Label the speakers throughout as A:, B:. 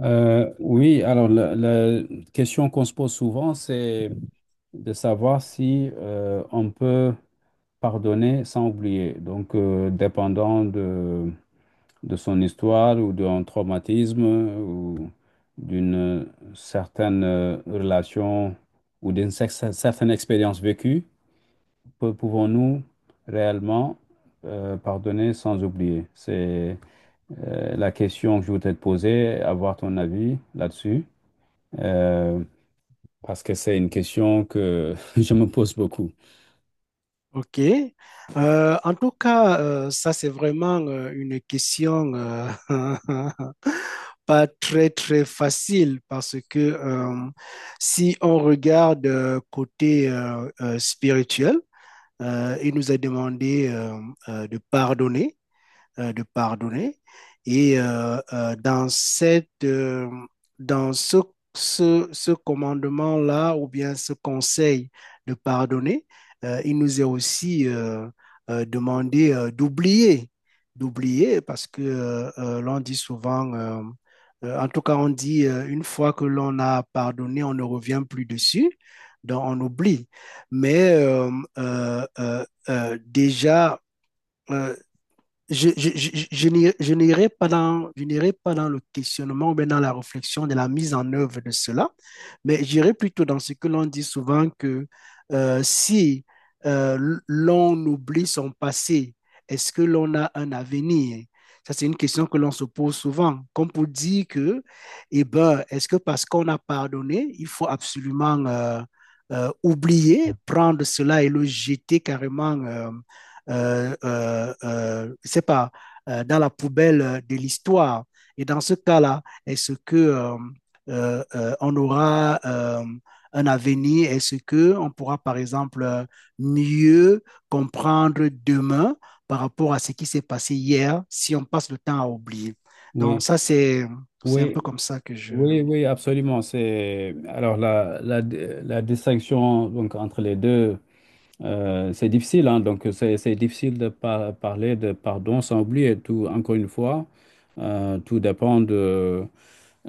A: Oui, alors la question qu'on se pose souvent, c'est de savoir si on peut pardonner sans oublier. Donc, dépendant de son histoire ou d'un traumatisme ou d'une certaine relation ou d'une certaine expérience vécue, pouvons-nous réellement pardonner sans oublier? C'est la question que je voudrais te poser, avoir ton avis là-dessus, euh, parce que c'est une question que je me pose beaucoup.
B: OK. En tout cas, ça, c'est vraiment une question pas très, très facile parce que si on regarde côté spirituel, il nous est demandé de pardonner de pardonner. Et dans ce commandement-là, ou bien ce conseil de pardonner, il nous est aussi demandé d'oublier, d'oublier, parce que l'on dit souvent en tout cas, on dit une fois que l'on a pardonné, on ne revient plus dessus, donc on oublie. Mais euh, déjà, euh, je n'irai je n'irai pas dans le questionnement, mais dans la réflexion de la mise en œuvre de cela, mais j'irai plutôt dans ce que l'on dit souvent que si l'on oublie son passé, est-ce que l'on a un avenir? Ça, c'est une question que l'on se pose souvent, comme pour dire que, eh ben, est-ce que parce qu'on a pardonné, il faut absolument oublier, prendre cela et le jeter carrément c'est pas, dans la poubelle de l'histoire. Et dans ce cas-là, est-ce que on aura un avenir. Est-ce que on pourra, par exemple, mieux comprendre demain par rapport à ce qui s'est passé hier si on passe le temps à oublier.
A: Oui,
B: Donc ça, c'est un
A: oui,
B: peu comme ça que je.
A: oui, oui, absolument. C'est alors la distinction donc entre les deux. C'est difficile, hein. Donc c'est difficile de parler de pardon sans oublier tout. Encore une fois, tout dépend de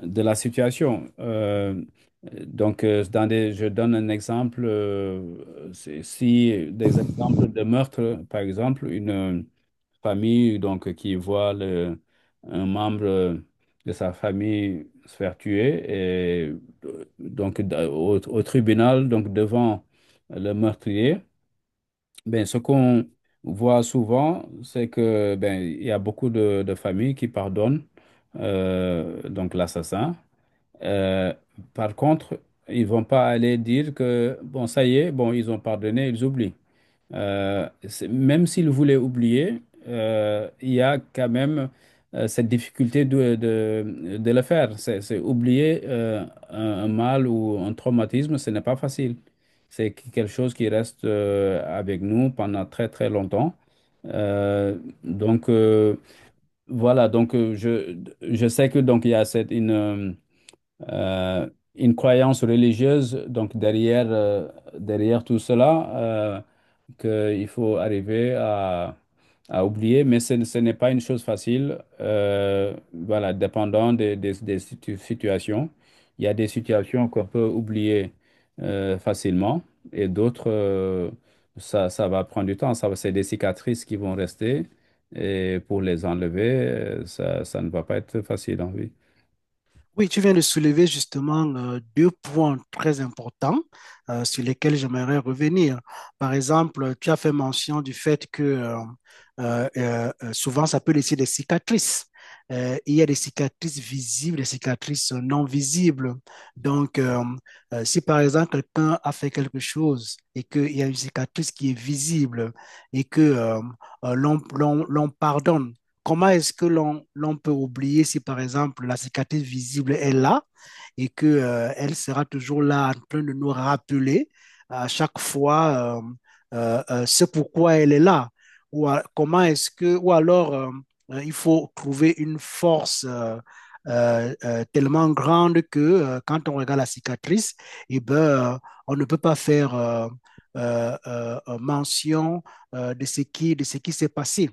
A: de la situation. Je donne un exemple. Si des exemples de meurtre, par exemple, une famille donc qui voit un membre de sa famille se faire tuer, et donc au tribunal, donc devant le meurtrier, ben ce qu'on voit souvent, c'est que, ben, il y a beaucoup de familles qui pardonnent, donc l'assassin. Euh, Par contre, ils vont pas aller dire que, bon, ça y est, bon, ils ont pardonné, ils oublient. Même s'il voulait oublier, il y a quand même cette difficulté de le faire. C'est oublier un mal ou un traumatisme, ce n'est pas facile. C'est quelque chose qui reste avec nous pendant très très longtemps. Euh, donc euh, voilà. Donc, je sais que donc il y a cette euh, une croyance religieuse. Donc derrière, derrière tout cela, qu'il faut arriver à, oublier, mais ce n'est pas une chose facile. Voilà, dépendant des situations. Il y a des situations qu'on peut oublier facilement, et d'autres, ça va prendre du temps. C'est des cicatrices qui vont rester. Et pour les enlever, ça ne va pas être facile, hein, oui.
B: Oui, tu viens de soulever justement deux points très importants sur lesquels j'aimerais revenir. Par exemple, tu as fait mention du fait que souvent ça peut laisser des cicatrices. Il y a des cicatrices visibles, des cicatrices non visibles. Donc, si par exemple quelqu'un a fait quelque chose et qu'il y a une cicatrice qui est visible et que l'on pardonne, comment est-ce que l'on peut oublier si, par exemple, la cicatrice visible est là et que, elle sera toujours là en train de nous rappeler à chaque fois ce pourquoi elle est là? Comment est-ce que, ou alors il faut trouver une force tellement grande que quand on regarde la cicatrice, eh ben, euh, on ne peut pas faire mention de ce qui s'est passé.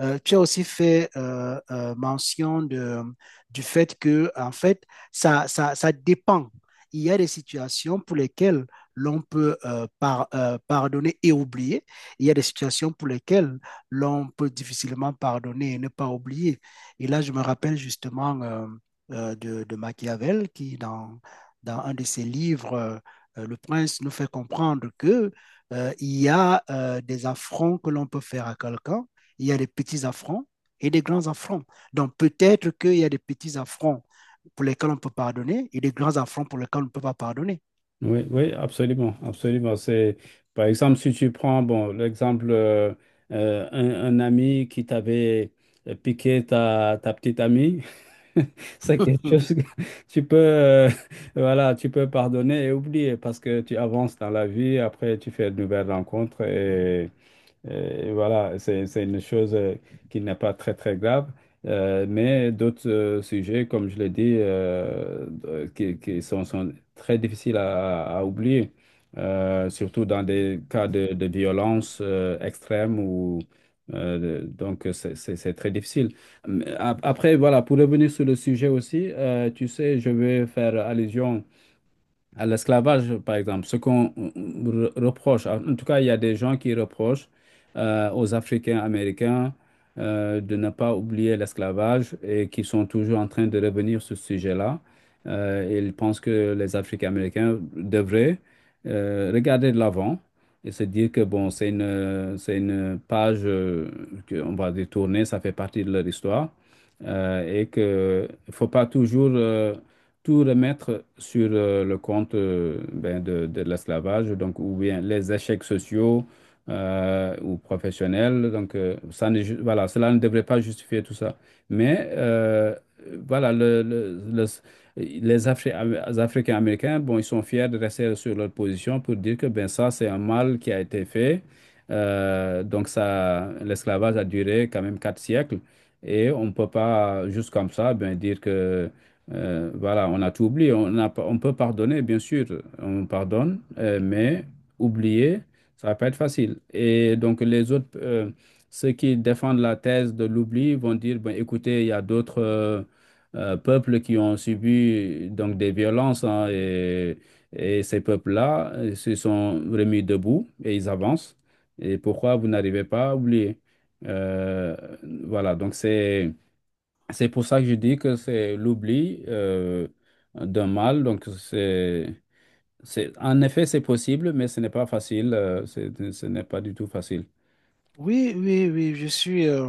B: Tu as aussi fait mention de, du fait que, en fait, ça dépend. Il y a des situations pour lesquelles l'on peut pardonner et oublier. Il y a des situations pour lesquelles l'on peut difficilement pardonner et ne pas oublier. Et là, je me rappelle justement de Machiavel qui, dans, dans un de ses livres, Le Prince nous fait comprendre que il y a des affronts que l'on peut faire à quelqu'un, il y a des petits affronts et des grands affronts. Donc peut-être qu'il y a des petits affronts pour lesquels on peut pardonner et des grands affronts pour lesquels on ne peut pas pardonner.
A: Oui, oui, absolument, absolument. C'est, par exemple, si tu prends, bon, l'exemple, un ami qui t'avait piqué ta petite amie, c'est quelque chose que tu peux, voilà, tu peux pardonner et oublier parce que tu avances dans la vie, après tu fais de nouvelles rencontres et. Voilà, c'est une chose qui n'est pas très, très grave. Mais d'autres sujets, comme je l'ai dit, qui sont, très difficiles à oublier, surtout dans des cas de violence extrême ou donc c'est très difficile. Mais après, voilà, pour revenir sur le sujet aussi, tu sais, je vais faire allusion à l'esclavage, par exemple, ce qu'on reproche, en tout cas, il y a des gens qui reprochent aux Africains américains de ne pas oublier l'esclavage et qui sont toujours en train de revenir sur ce sujet-là. Ils pensent que les Africains américains devraient regarder de l'avant et se dire que, bon, c'est une page qu'on va détourner, ça fait partie de leur histoire, et qu'il ne faut pas toujours tout remettre sur le compte, ben, de l'esclavage, donc, ou bien les échecs sociaux ou professionnels. Donc, ça ne ju- voilà, cela ne devrait pas justifier tout ça. Mais voilà, les Afri- les Africains américains, bon, ils sont fiers de rester sur leur position pour dire que, ben, ça, c'est un mal qui a été fait. Donc ça, l'esclavage a duré quand même quatre siècles, et on ne peut pas juste comme ça, ben, dire que, voilà, on a tout oublié. On peut pardonner, bien sûr, on pardonne, mais oublier, ça va pas être facile. Et donc, les autres, ceux qui défendent la thèse de l'oubli vont dire, ben, écoutez, il y a d'autres peuples qui ont subi donc des violences, hein, et ces peuples-là se sont remis debout et ils avancent. Et pourquoi vous n'arrivez pas à oublier? Euh, voilà, donc c'est... C'est pour ça que je dis que c'est l'oubli d'un mal. Donc, en effet, c'est possible, mais ce n'est pas facile. Ce n'est pas du tout facile.
B: Oui, je suis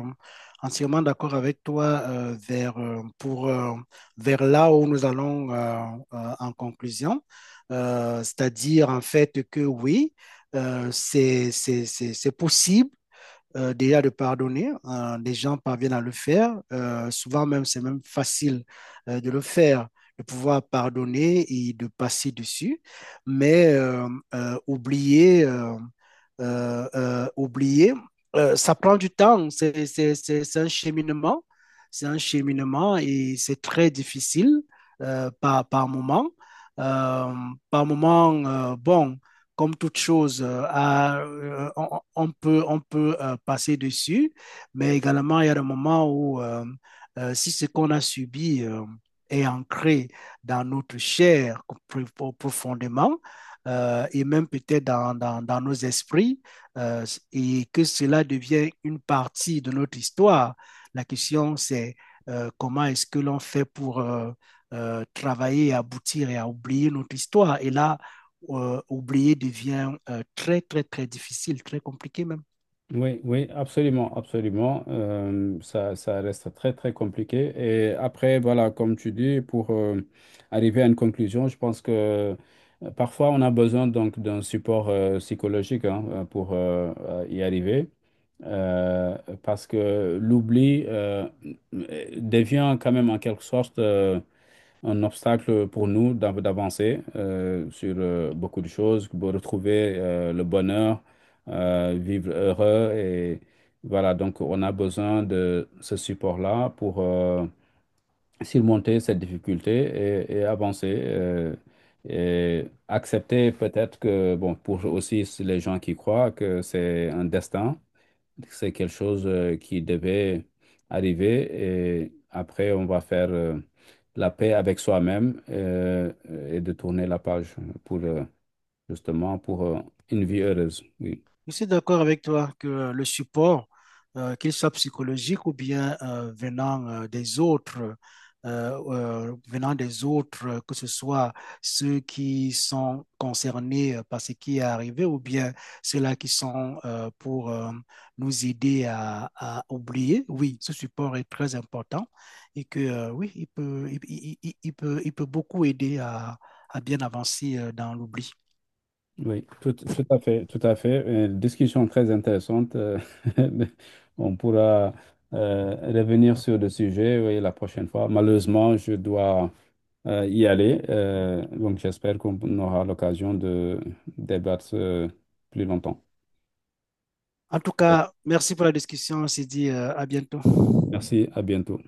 B: entièrement d'accord avec toi vers là où nous allons en conclusion. C'est-à-dire en fait que oui, c'est possible déjà de pardonner. Les gens parviennent à le faire. Souvent même, c'est même facile de le faire, de pouvoir pardonner et de passer dessus. Mais oublier, oublier, ça prend du temps. C'est un cheminement. C'est un cheminement et c'est très difficile par, par moment. Euh, Par moment, bon comme toute chose, on peut passer dessus, mais également, il y a des moments où, si ce qu'on a subi est ancré dans notre chair profondément, et même peut-être dans nos esprits, euh, et que cela devient une partie de notre histoire, la question, c'est comment est-ce que l'on fait pour... travailler, aboutir et à oublier notre histoire. Et là, oublier devient très, très, très difficile, très compliqué même.
A: Oui, oui, absolument, absolument. Ça reste très, très compliqué. Et après, voilà, comme tu dis, pour arriver à une conclusion, je pense que, parfois on a besoin donc d'un support psychologique, hein, pour, y arriver. euh, Parce que l'oubli devient quand même en quelque sorte un obstacle pour nous d'avancer sur beaucoup de choses, pour retrouver le bonheur, vivre heureux. Et voilà, donc on a besoin de ce support-là pour surmonter cette difficulté, et avancer. Et accepter peut-être que, bon, pour aussi les gens qui croient que c'est un destin, c'est quelque chose qui devait arriver et après, on va faire la paix avec soi-même, et de tourner la page pour justement pour une vie heureuse. Oui.
B: Je suis d'accord avec toi que le support, qu'il soit psychologique ou bien venant des autres, euh, venant des autres, que ce soit ceux qui sont concernés par ce qui est arrivé ou bien ceux-là qui sont pour nous aider à oublier, oui, ce support est très important et que oui, il peut beaucoup aider à bien avancer dans l'oubli.
A: Oui, tout à fait, tout à fait. Discussion très intéressante. On pourra revenir sur le sujet, oui, la prochaine fois. Malheureusement, je dois y aller. Donc, j'espère qu'on aura l'occasion de débattre plus longtemps.
B: En tout cas, merci pour la discussion. On se dit à bientôt.
A: Merci, à bientôt.